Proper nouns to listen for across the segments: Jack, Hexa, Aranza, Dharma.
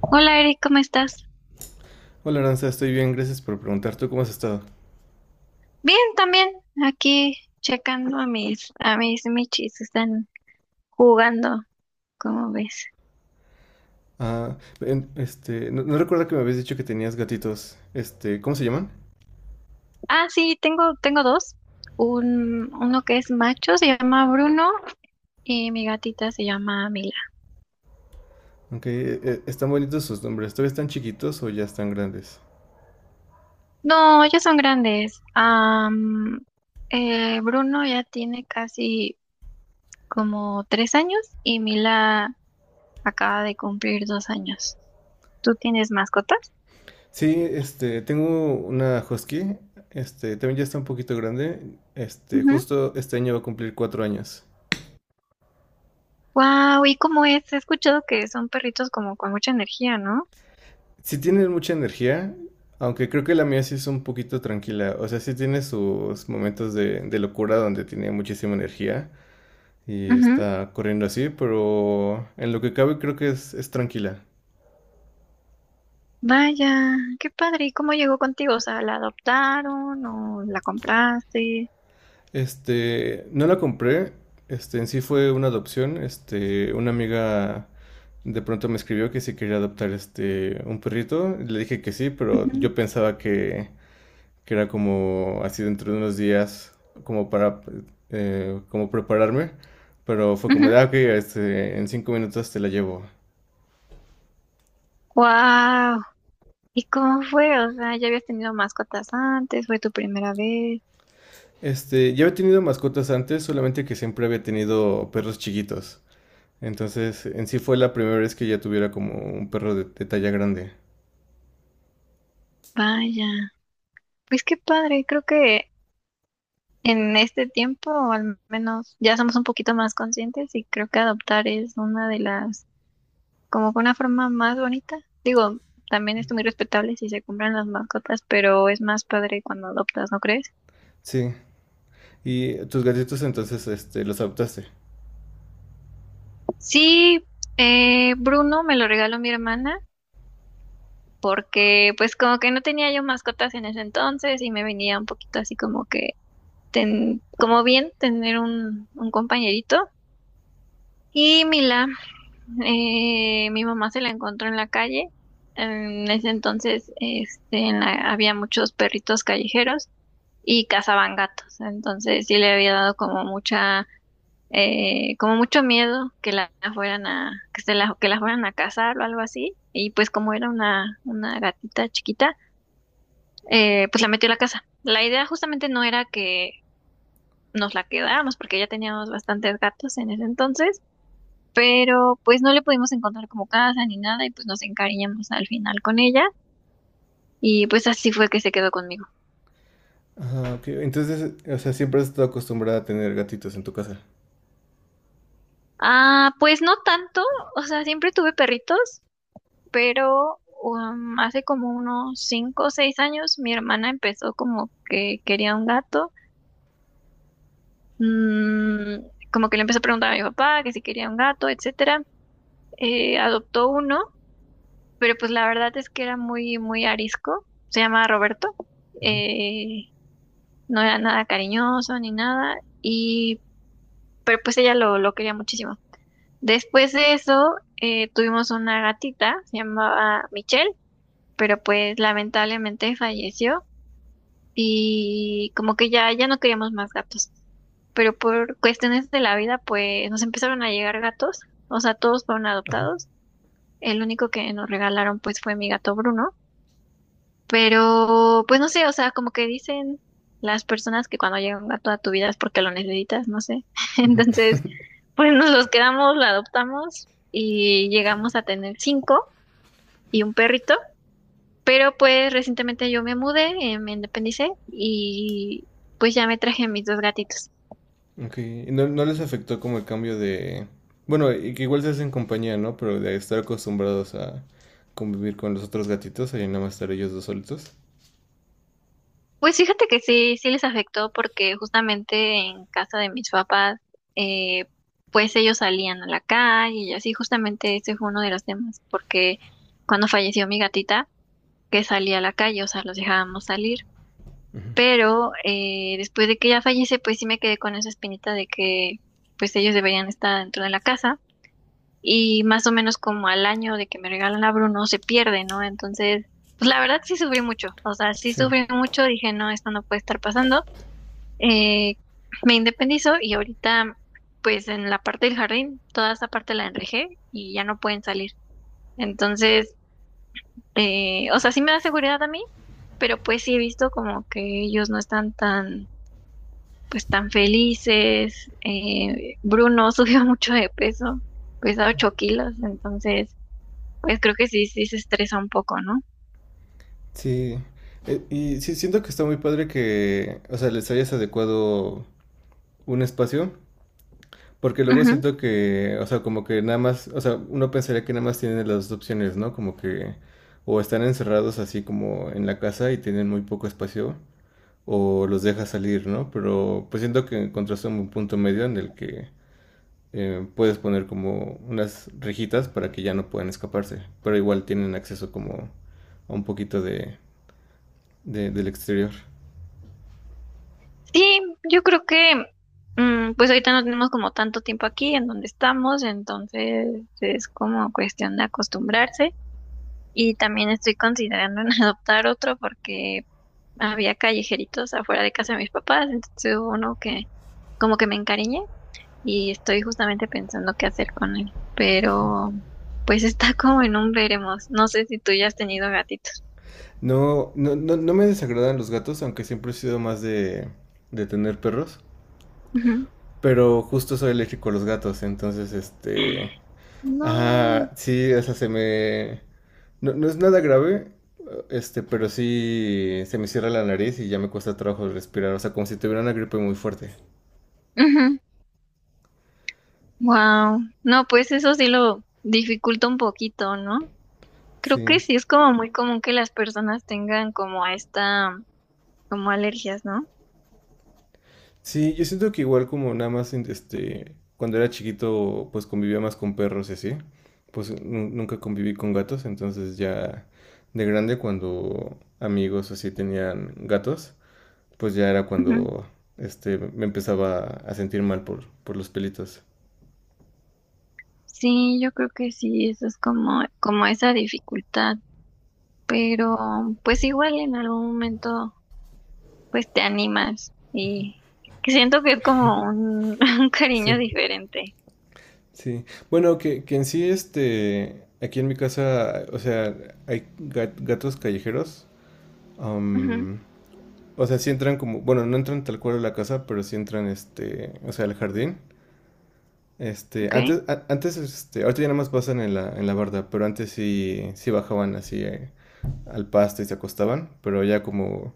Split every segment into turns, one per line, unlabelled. Hola Eric, ¿cómo estás?
Hola Aranza, estoy bien, gracias por preguntar. ¿Tú cómo has estado?
Bien, también aquí checando a mis michis, están jugando, ¿cómo ves?
Ah, este, no, no recuerdo que me habías dicho que tenías gatitos. Este, ¿cómo se llaman?
Ah, sí, tengo dos. Un uno que es macho se llama Bruno y mi gatita se llama Mila.
Aunque están bonitos sus nombres. ¿Todavía están chiquitos o ya están grandes?
No, ya son grandes. Bruno ya tiene casi como 3 años y Mila acaba de cumplir 2 años. ¿Tú tienes mascotas?
Sí, este, tengo una husky. Este, también ya está un poquito grande. Este, justo este año va a cumplir 4 años.
Wow, ¿y cómo es? He escuchado que son perritos como con mucha energía, ¿no?
Sí tiene mucha energía, aunque creo que la mía sí es un poquito tranquila. O sea, sí tiene sus momentos de locura donde tiene muchísima energía. Y
Ujú.
está corriendo así, pero en lo que cabe creo que es tranquila.
Vaya, qué padre. ¿Y cómo llegó contigo? O sea, ¿la adoptaron o la compraste?
Este, no la compré, este, en sí fue una adopción, este, una amiga de pronto me escribió que si quería adoptar este, un perrito, le dije que sí, pero
Ujú,
yo pensaba que era como así dentro de unos días, como para, como prepararme, pero fue como
ujú.
de, ah, ok, este, en 5 minutos te la llevo.
Wow. ¿Y cómo fue? O sea, ¿ya habías tenido mascotas antes? ¿Fue tu primera vez?
Este, ya había tenido mascotas antes, solamente que siempre había tenido perros chiquitos. Entonces, en sí fue la primera vez que ya tuviera como un perro de talla grande.
Vaya. Pues qué padre. Creo que en este tiempo, al menos, ya somos un poquito más conscientes y creo que adoptar es una de las como con una forma más bonita. Digo, también es muy respetable si se compran las mascotas, pero es más padre cuando adoptas, ¿no crees?
Sí. ¿Y tus gatitos entonces este, los adoptaste?
Sí, Bruno me lo regaló mi hermana porque pues como que no tenía yo mascotas en ese entonces y me venía un poquito así como que, como bien tener un compañerito. Y Mila, mi mamá se la encontró en la calle. En ese entonces, este, había muchos perritos callejeros y cazaban gatos. Entonces sí le había dado como mucho miedo que la fueran a cazar o algo así. Y pues como era una gatita chiquita, pues la metió a la casa. La idea justamente no era que nos la quedáramos, porque ya teníamos bastantes gatos en ese entonces, pero pues no le pudimos encontrar como casa ni nada, y pues nos encariñamos al final con ella. Y pues así fue que se quedó conmigo.
Ah, ok. Entonces, o sea, siempre has estado acostumbrada a tener gatitos en tu casa.
Ah, pues no tanto, o sea, siempre tuve perritos, pero hace como unos 5 o 6 años mi hermana empezó como que quería un gato. Mm, como que le empezó a preguntar a mi papá que si quería un gato, etcétera. Adoptó uno, pero pues la verdad es que era muy, muy arisco, se llamaba Roberto.
Ujú.
Eh, no era nada cariñoso ni nada, y pero pues ella lo quería muchísimo. Después de eso, tuvimos una gatita, se llamaba Michelle, pero pues lamentablemente falleció y como que ya no queríamos más gatos. Pero por cuestiones de la vida, pues nos empezaron a llegar gatos, o sea, todos fueron adoptados. El único que nos regalaron, pues, fue mi gato Bruno. Pero, pues no sé, o sea, como que dicen las personas que cuando llega un gato a tu vida es porque lo necesitas, no sé. Entonces, pues nos los quedamos, lo adoptamos y llegamos a tener cinco y un perrito. Pero pues recientemente yo me mudé, me independicé y pues ya me traje a mis dos gatitos.
Ok. ¿Y no, no les afectó como el cambio de... Bueno, y que igual se hacen compañía, ¿no? Pero de estar acostumbrados a convivir con los otros gatitos y nada más estar ellos dos solitos.
Pues fíjate que sí, sí les afectó porque justamente en casa de mis papás, eh, pues ellos salían a la calle y así, justamente ese fue uno de los temas, porque cuando falleció mi gatita, que salía a la calle, o sea, los dejábamos salir. Pero después de que ella fallece, pues sí me quedé con esa espinita de que pues ellos deberían estar dentro de la casa y más o menos como al año de que me regalan la Bruno se pierde, ¿no? Entonces, pues la verdad sí sufrí mucho, o sea, sí
Sí.
sufrí mucho, dije, no, esto no puede estar pasando. Eh, Me independizo y ahorita, pues en la parte del jardín, toda esa parte la enrejé y ya no pueden salir. Entonces, o sea, sí me da seguridad a mí, pero pues sí he visto como que ellos no están tan, pues tan felices. Bruno subió mucho de peso, pesa 8 kilos, entonces pues creo que sí, sí se estresa un poco, ¿no?
Sí. Y sí, siento que está muy padre que, o sea, les hayas adecuado un espacio. Porque luego
Ujú.
siento que, o sea, como que nada más, o sea, uno pensaría que nada más tienen las dos opciones, ¿no? Como que o están encerrados así como en la casa y tienen muy poco espacio, o los dejas salir, ¿no? Pero pues siento que encontraste un punto medio en el que puedes poner como unas rejitas para que ya no puedan escaparse, pero igual tienen acceso como a un poquito del exterior.
Sí, yo creo que pues ahorita no tenemos como tanto tiempo aquí en donde estamos, entonces es como cuestión de acostumbrarse y también estoy considerando en adoptar otro porque había callejeritos afuera de casa de mis papás, entonces hubo uno que como que me encariñé y estoy justamente pensando qué hacer con él, pero pues está como en un veremos, no sé si tú ya has tenido gatitos.
No, no, no, no me desagradan los gatos, aunque siempre he sido más de tener perros.
Ujú.
Pero justo soy eléctrico a los gatos, entonces este...
No.
Ajá, sí, o sea, se me... No, no es nada grave, este, pero sí se me cierra la nariz y ya me cuesta trabajo respirar, o sea, como si tuviera una gripe muy fuerte.
Ujú. Wow. No, pues eso sí lo dificulta un poquito, ¿no? Creo que
Sí.
sí es como muy común que las personas tengan como a esta, como alergias, ¿no?
Sí, yo siento que igual como nada más, este, cuando era chiquito, pues convivía más con perros y así, pues nunca conviví con gatos, entonces ya de grande cuando amigos así tenían gatos, pues ya era
Ujú.
cuando este, me empezaba a sentir mal por los pelitos.
Sí, yo creo que sí, eso es como esa dificultad, pero pues igual en algún momento pues te animas y que siento que es como un, un
Sí,
cariño diferente.
sí. Bueno, que en sí, este, aquí en mi casa, o sea, hay gatos callejeros.
Ujú.
am, o sea, sí entran como, bueno, no entran tal cual a la casa, pero sí entran, este, o sea, al jardín. Este,
¿Ok?
antes, antes, este, ahorita ya nada más pasan en la barda, pero antes sí, sí bajaban así al pasto y se acostaban, pero ya como...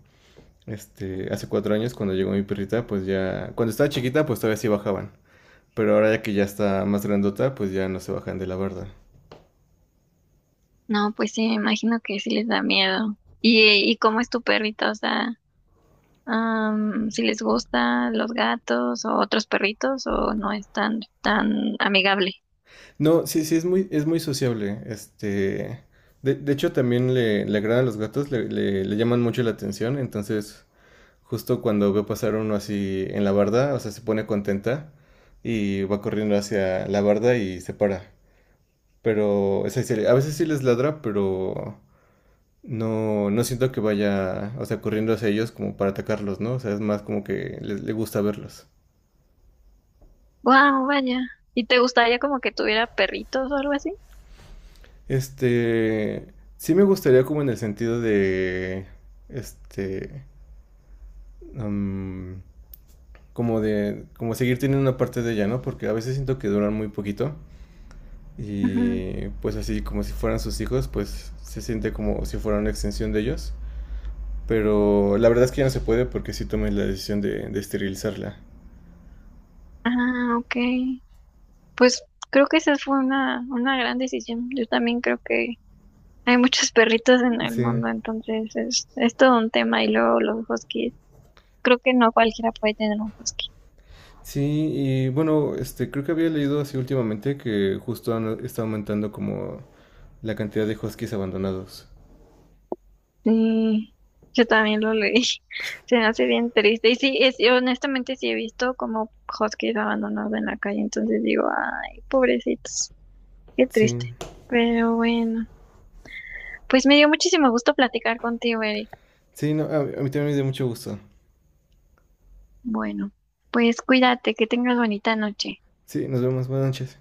Este, hace 4 años cuando llegó mi perrita, pues ya, cuando estaba chiquita, pues todavía sí bajaban. Pero ahora ya que ya está más grandota, pues ya no se bajan de la barda.
No, pues sí, me imagino que sí les da miedo. ¿Y cómo es tu perrita? O sea, si les gustan los gatos o otros perritos o no es tan, tan amigable.
No, sí, sí, es muy, sociable. Este, de hecho también le agradan los gatos, le llaman mucho la atención. Entonces, justo cuando veo pasar uno así en la barda, o sea, se pone contenta y va corriendo hacia la barda y se para. Pero, o sea, a veces sí les ladra, pero... No, no siento que vaya, o sea, corriendo hacia ellos como para atacarlos, ¿no? O sea, es más como que le gusta verlos.
Wow, vaya. ¿Y te gustaría como que tuviera perritos o algo así?
Este, sí me gustaría como en el sentido de, este, am, como de, como seguir teniendo una parte de ella, ¿no? Porque a veces siento que duran muy poquito
Ujú.
y pues así como si fueran sus hijos, pues se siente como si fuera una extensión de ellos. Pero la verdad es que ya no se puede porque sí tomé la decisión de esterilizarla.
Ah, ok. Pues creo que esa fue una gran decisión. Yo también creo que hay muchos perritos en el
Sí.
mundo, entonces es todo un tema y luego los huskies. Creo que no cualquiera puede tener un husky.
Sí, y bueno, este, creo que había leído así últimamente que justo está aumentando como la cantidad de huskies abandonados.
Sí, yo también lo leí. Se me hace bien triste. Y sí, y honestamente sí he visto como huskies abandonados en la calle. Entonces digo, ay, pobrecitos, qué triste.
Sí,
Pero bueno, pues me dio muchísimo gusto platicar contigo, Eric.
sí, no, a mí también me dio mucho gusto.
Bueno, pues cuídate, que tengas bonita noche.
Sí, nos vemos, buenas noches.